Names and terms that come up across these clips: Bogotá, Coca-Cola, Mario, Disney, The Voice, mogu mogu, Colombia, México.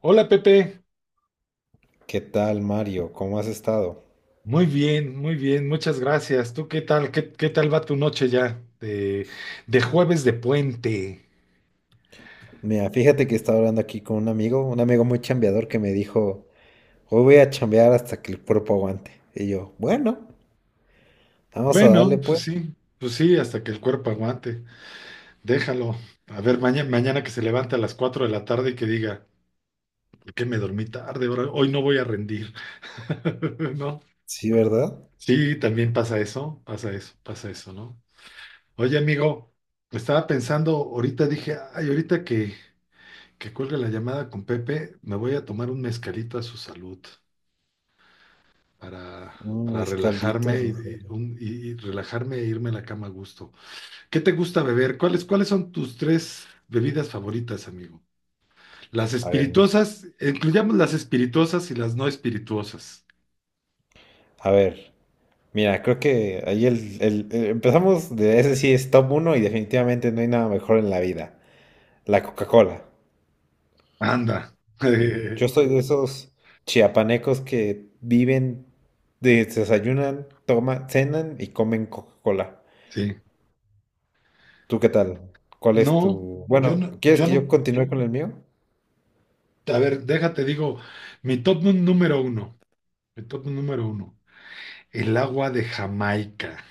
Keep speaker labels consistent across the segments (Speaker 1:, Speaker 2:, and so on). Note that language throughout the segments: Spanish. Speaker 1: Hola Pepe,
Speaker 2: ¿Qué tal, Mario? ¿Cómo has estado?
Speaker 1: muy bien, muchas gracias. ¿Tú qué tal? ¿Qué tal va tu noche ya de jueves de puente?
Speaker 2: Mira, fíjate que estaba hablando aquí con un amigo muy chambeador que me dijo, hoy voy a chambear hasta que el cuerpo aguante. Y yo, bueno, vamos a
Speaker 1: Bueno,
Speaker 2: darle pues.
Speaker 1: pues sí, hasta que el cuerpo aguante. Déjalo. A ver, mañana, mañana que se levante a las 4 de la tarde y que diga, ¿por qué me dormí tarde? Hoy no voy a rendir. ¿No?
Speaker 2: Sí, ¿verdad?
Speaker 1: Sí, también pasa eso, pasa eso, pasa eso, ¿no? Oye, amigo, estaba pensando, ahorita dije, ay, ahorita que cuelgue la llamada con Pepe, me voy a tomar un mezcalito a su salud para,
Speaker 2: Un
Speaker 1: para
Speaker 2: escaldito.
Speaker 1: relajarme y relajarme e irme a la cama a gusto. ¿Qué te gusta beber? ¿Cuáles son tus tres bebidas favoritas, amigo?
Speaker 2: A ver, mis-
Speaker 1: Incluyamos las espirituosas y las no espirituosas.
Speaker 2: a ver. Mira, creo que ahí empezamos de ese sí es top uno y definitivamente no hay nada mejor en la vida. La Coca-Cola.
Speaker 1: Anda.
Speaker 2: Yo soy de esos chiapanecos que viven, desayunan, toman, cenan y comen Coca-Cola.
Speaker 1: Sí.
Speaker 2: ¿Tú qué tal? ¿Cuál es
Speaker 1: No,
Speaker 2: tu...?
Speaker 1: yo
Speaker 2: Bueno,
Speaker 1: no,
Speaker 2: ¿quieres
Speaker 1: yo
Speaker 2: que
Speaker 1: no.
Speaker 2: yo continúe con el mío?
Speaker 1: A ver, déjate, digo, mi top número uno. mi top número uno. El agua de Jamaica.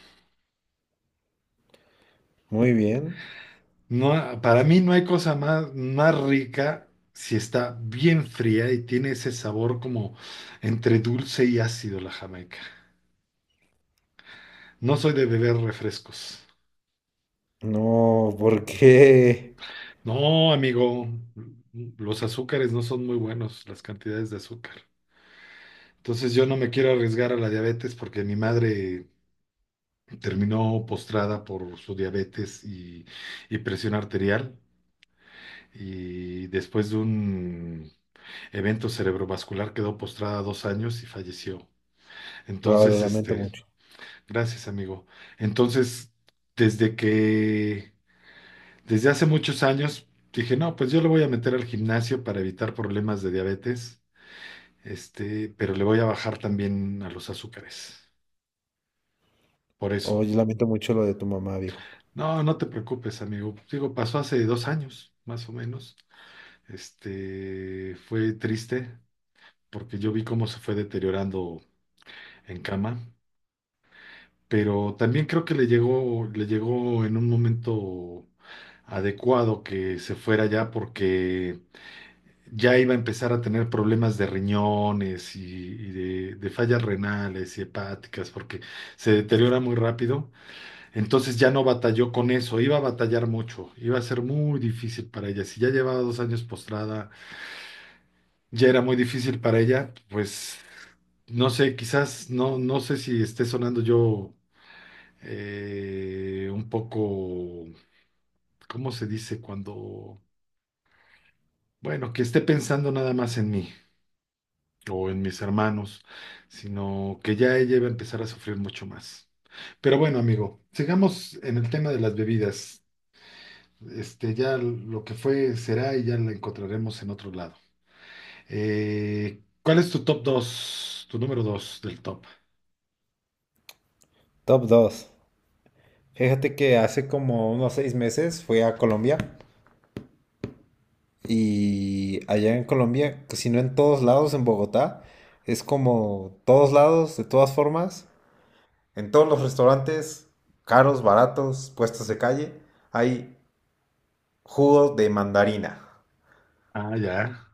Speaker 2: Muy bien.
Speaker 1: No, para mí no hay cosa más rica si está bien fría y tiene ese sabor como entre dulce y ácido la Jamaica. No soy de beber refrescos.
Speaker 2: No, ¿por qué?
Speaker 1: No, amigo, los azúcares no son muy buenos, las cantidades de azúcar. Entonces yo no me quiero arriesgar a la diabetes porque mi madre terminó postrada por su diabetes y presión arterial. Y después de un evento cerebrovascular, quedó postrada 2 años y falleció.
Speaker 2: Lo
Speaker 1: Entonces,
Speaker 2: lamento mucho.
Speaker 1: gracias, amigo. Entonces, desde que, desde hace muchos años, dije, no, pues yo le voy a meter al gimnasio para evitar problemas de diabetes, pero le voy a bajar también a los azúcares. Por eso.
Speaker 2: Oye, lamento mucho lo de tu mamá, viejo.
Speaker 1: No, no te preocupes, amigo. Digo, pasó hace 2 años, más o menos. Fue triste porque yo vi cómo se fue deteriorando en cama, pero también creo que le llegó en un momento adecuado que se fuera ya porque ya iba a empezar a tener problemas de riñones y de fallas renales y hepáticas porque se deteriora muy rápido. Entonces ya no batalló con eso, iba a batallar mucho, iba a ser muy difícil para ella. Si ya llevaba 2 años postrada, ya era muy difícil para ella, pues... No sé, quizás, no, no sé si esté sonando yo un poco, ¿cómo se dice? Cuando, bueno, que esté pensando nada más en mí o en mis hermanos, sino que ya ella iba a empezar a sufrir mucho más. Pero bueno, amigo, sigamos en el tema de las bebidas. Ya lo que fue será y ya la encontraremos en otro lado. ¿Cuál es tu top dos? Tu número 2 del top.
Speaker 2: Top 2. Fíjate que hace como unos seis meses fui a Colombia y allá en Colombia, que si no en todos lados, en Bogotá, es como todos lados, de todas formas. En todos los restaurantes, caros, baratos, puestos de calle, hay jugo de mandarina.
Speaker 1: Ah, ya.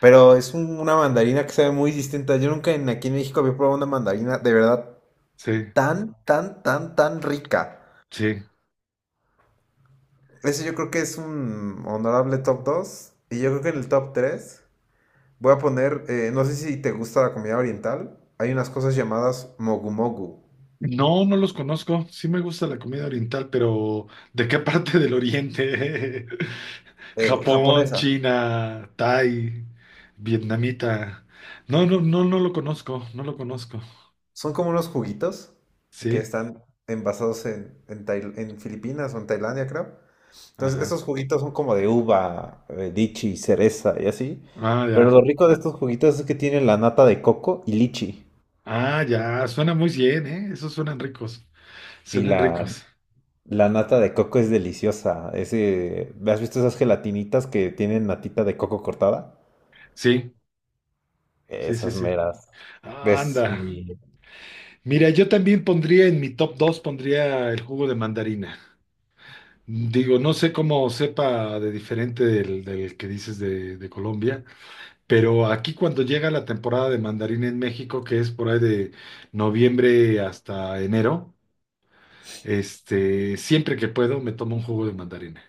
Speaker 2: Pero es una mandarina que sabe muy distinta. Yo nunca aquí en México había probado una mandarina de verdad
Speaker 1: Sí,
Speaker 2: tan, tan, tan, tan rica.
Speaker 1: sí.
Speaker 2: Ese yo creo que es un honorable top 2. Y yo creo que en el top 3 voy a poner, no sé si te gusta la comida oriental, hay unas cosas llamadas mogu mogu.
Speaker 1: No, no los conozco. Sí me gusta la comida oriental, pero ¿de qué parte del oriente? Japón,
Speaker 2: Japonesa.
Speaker 1: China, Thai, vietnamita. No, no, no, no lo conozco, no lo conozco.
Speaker 2: Son como unos juguitos que
Speaker 1: Sí,
Speaker 2: están envasados en Filipinas o en Tailandia, creo. Entonces, estos
Speaker 1: ajá.
Speaker 2: juguitos son como de uva, lichi, cereza y así.
Speaker 1: Ah,
Speaker 2: Pero lo
Speaker 1: ya.
Speaker 2: rico de estos juguitos es que tienen la nata de coco y lichi.
Speaker 1: Ah, ya. Suena muy bien, ¿eh? Esos suenan ricos.
Speaker 2: Y
Speaker 1: Suenan ricos.
Speaker 2: la nata de coco es deliciosa. Ese, ¿has visto esas gelatinitas que tienen natita de coco cortada?
Speaker 1: Sí, sí, sí,
Speaker 2: Esas
Speaker 1: sí.
Speaker 2: meras. ¿Ves?
Speaker 1: Anda.
Speaker 2: Mi...
Speaker 1: Mira, yo también pondría en mi top dos, pondría el jugo de mandarina. Digo, no sé cómo sepa de diferente del que dices de Colombia, pero aquí cuando llega la temporada de mandarín en México, que es por ahí de noviembre hasta enero, siempre que puedo me tomo un jugo de mandarina.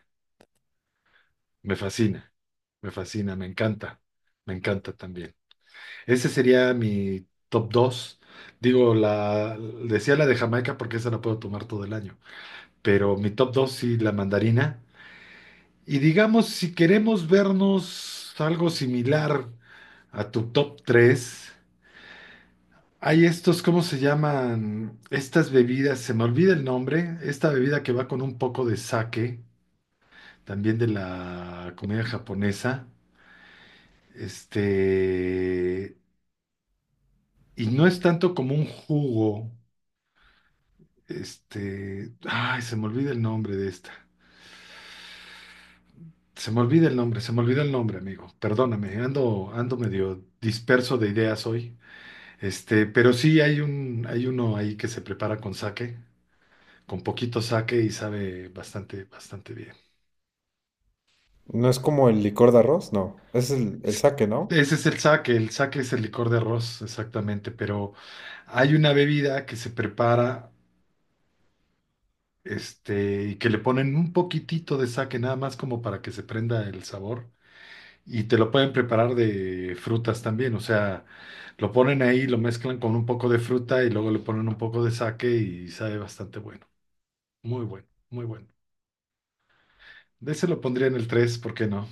Speaker 1: Me fascina, me fascina, me encanta también. Ese sería mi top dos. Digo, decía la de Jamaica porque esa la puedo tomar todo el año, pero mi top 2 sí, la mandarina. Y digamos, si queremos vernos algo similar a tu top tres, hay estos, ¿cómo se llaman? Estas bebidas, se me olvida el nombre, esta bebida que va con un poco de sake, también de la comida japonesa. Este, y no es tanto como un jugo, ay, se me olvida el nombre de esta. Se me olvida el nombre, se me olvida el nombre, amigo. Perdóname, ando medio disperso de ideas hoy. Pero sí hay uno ahí que se prepara con sake, con poquito sake y sabe bastante, bastante bien.
Speaker 2: No es como el licor de arroz, no. Es el
Speaker 1: S-
Speaker 2: sake, ¿no?
Speaker 1: Ese es el sake es el licor de arroz, exactamente, pero hay una bebida que se prepara, y que le ponen un poquitito de sake, nada más como para que se prenda el sabor. Y te lo pueden preparar de frutas también, o sea, lo ponen ahí, lo mezclan con un poco de fruta y luego le ponen un poco de sake y sabe bastante bueno, muy bueno, muy bueno. De ese lo pondría en el tres. ¿Por qué no?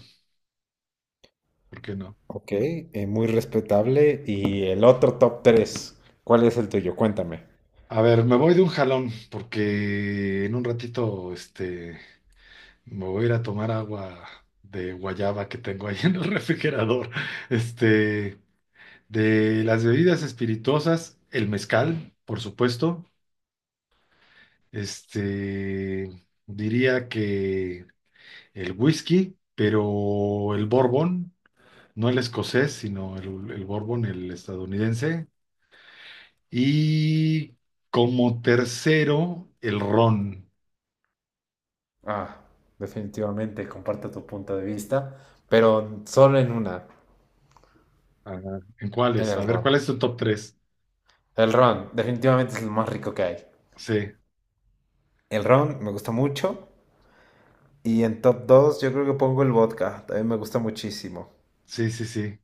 Speaker 1: ¿Por qué no?
Speaker 2: Ok, muy respetable. Y el otro top 3, ¿cuál es el tuyo? Cuéntame.
Speaker 1: A ver, me voy de un jalón, porque en un ratito, me voy a ir a tomar agua de guayaba que tengo ahí en el refrigerador. Este, de las bebidas espirituosas, el mezcal, por supuesto. Este, Diría que el whisky, pero el bourbon, no el escocés, sino el bourbon, el estadounidense, y como tercero, el ron.
Speaker 2: Ah, definitivamente comparto tu punto de vista, pero solo en una,
Speaker 1: Ajá. ¿En
Speaker 2: en
Speaker 1: cuáles? A
Speaker 2: el
Speaker 1: ver,
Speaker 2: ron.
Speaker 1: ¿cuál es tu top tres?
Speaker 2: El ron, definitivamente es lo más rico que hay.
Speaker 1: Sí,
Speaker 2: El ron me gusta mucho. Y en top 2 yo creo que pongo el vodka, también me gusta muchísimo.
Speaker 1: sí, sí, sí.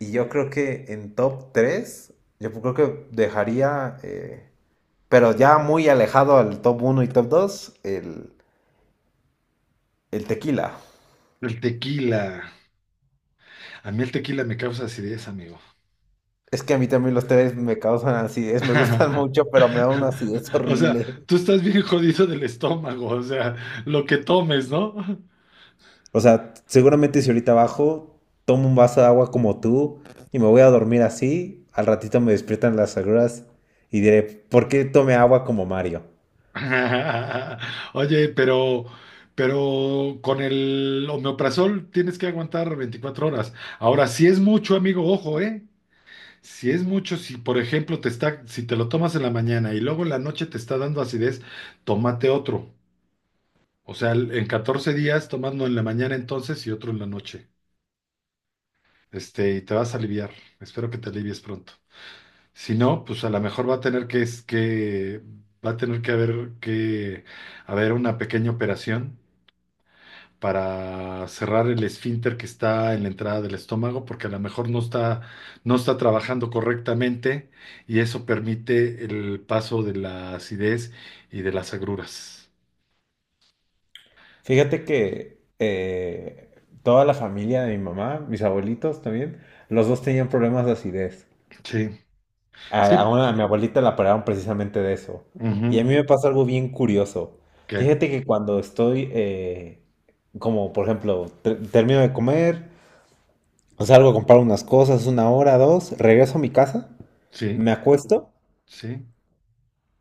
Speaker 2: Y yo creo que en top 3 yo creo que dejaría, pero ya muy alejado al top uno y top 2, el tequila.
Speaker 1: El tequila. A mí el tequila me causa acidez, amigo.
Speaker 2: Es que a mí también los tés me causan acidez, me gustan mucho, pero me da una acidez
Speaker 1: O sea,
Speaker 2: horrible.
Speaker 1: tú estás bien jodido del estómago, o sea, lo que tomes, ¿no?
Speaker 2: O sea, seguramente si ahorita bajo, tomo un vaso de agua como tú y me voy a dormir así, al ratito me despiertan las agruras y diré, ¿por qué tomé agua como Mario?
Speaker 1: Oye, pero con el omeprazol tienes que aguantar 24 horas. Ahora, si es mucho, amigo, ojo, ¿eh? Si es mucho, si por ejemplo si te lo tomas en la mañana y luego en la noche te está dando acidez, tómate otro. O sea, en 14 días, tomando en la mañana entonces y otro en la noche. Y te vas a aliviar. Espero que te alivies pronto. Si no, pues a lo mejor va a tener que, es que, va a tener que haber una pequeña operación para cerrar el esfínter que está en la entrada del estómago, porque a lo mejor no está trabajando correctamente y eso permite el paso de la acidez y de las agruras.
Speaker 2: Fíjate que toda la familia de mi mamá, mis abuelitos también, los dos tenían problemas de acidez.
Speaker 1: Sí, sí,
Speaker 2: A mi abuelita la operaron precisamente de eso.
Speaker 1: ujú.
Speaker 2: Y a mí me pasa algo bien curioso.
Speaker 1: ¿Qué?
Speaker 2: Fíjate que cuando estoy, como por ejemplo, termino de comer, o salgo a comprar unas cosas, una hora, dos, regreso a mi casa,
Speaker 1: Sí,
Speaker 2: me acuesto,
Speaker 1: sí,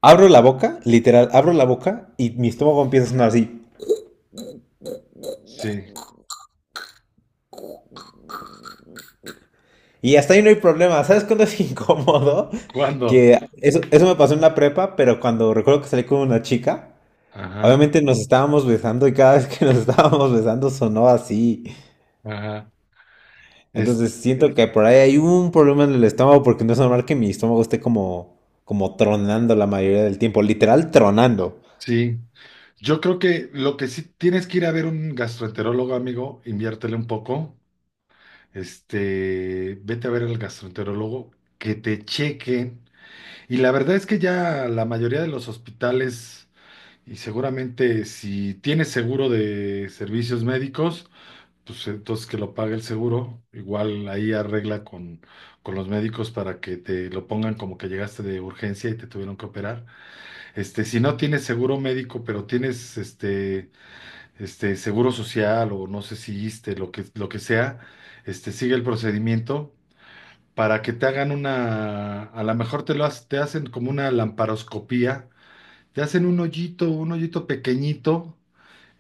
Speaker 2: abro la boca, literal, abro la boca y mi estómago empieza a sonar así.
Speaker 1: sí.
Speaker 2: Y hasta ahí no hay problema. ¿Sabes cuándo es incómodo?
Speaker 1: ¿Cuándo?
Speaker 2: Que eso me pasó en la prepa, pero cuando recuerdo que salí con una chica.
Speaker 1: Ajá,
Speaker 2: Obviamente nos estábamos besando y cada vez que nos estábamos besando sonó así.
Speaker 1: ajá. Es,
Speaker 2: Entonces siento que por ahí hay un problema en el estómago porque no es normal que mi estómago esté como, como tronando la mayoría del tiempo, literal tronando.
Speaker 1: sí. Yo creo que lo que sí tienes que ir a ver un gastroenterólogo, amigo, inviértele un poco, vete a ver al gastroenterólogo, que te chequen. Y la verdad es que ya la mayoría de los hospitales, y seguramente si tienes seguro de servicios médicos, pues entonces que lo pague el seguro. Igual ahí arregla con los médicos para que te lo pongan como que llegaste de urgencia y te tuvieron que operar. Si no tienes seguro médico, pero tienes este seguro social o no sé si ISSSTE, lo que sea, sigue el procedimiento para que te hagan una, a lo mejor te lo hac- te hacen como una lamparoscopía, te hacen un hoyito pequeñito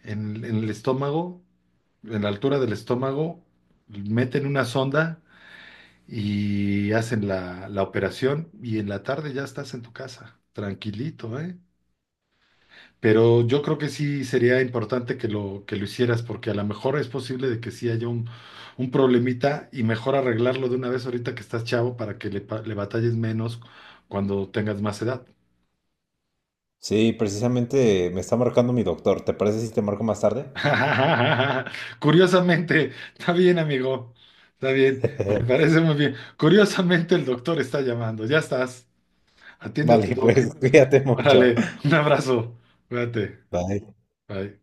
Speaker 1: en el estómago, en la altura del estómago, meten una sonda y hacen la operación y en la tarde ya estás en tu casa, tranquilito, ¿eh? Pero yo creo que sí sería importante que lo hicieras, porque a lo mejor es posible de que sí haya un problemita y mejor arreglarlo de una vez ahorita que estás chavo para que le batalles menos cuando tengas más edad.
Speaker 2: Sí, precisamente me está marcando mi doctor. ¿Te parece si te marco más tarde?
Speaker 1: Curiosamente, está bien, amigo, está bien, me parece muy bien. Curiosamente, el doctor está llamando, ya estás, atiende a tu
Speaker 2: Vale,
Speaker 1: doc.
Speaker 2: pues cuídate mucho.
Speaker 1: Órale, un abrazo, cuídate,
Speaker 2: Bye.
Speaker 1: bye.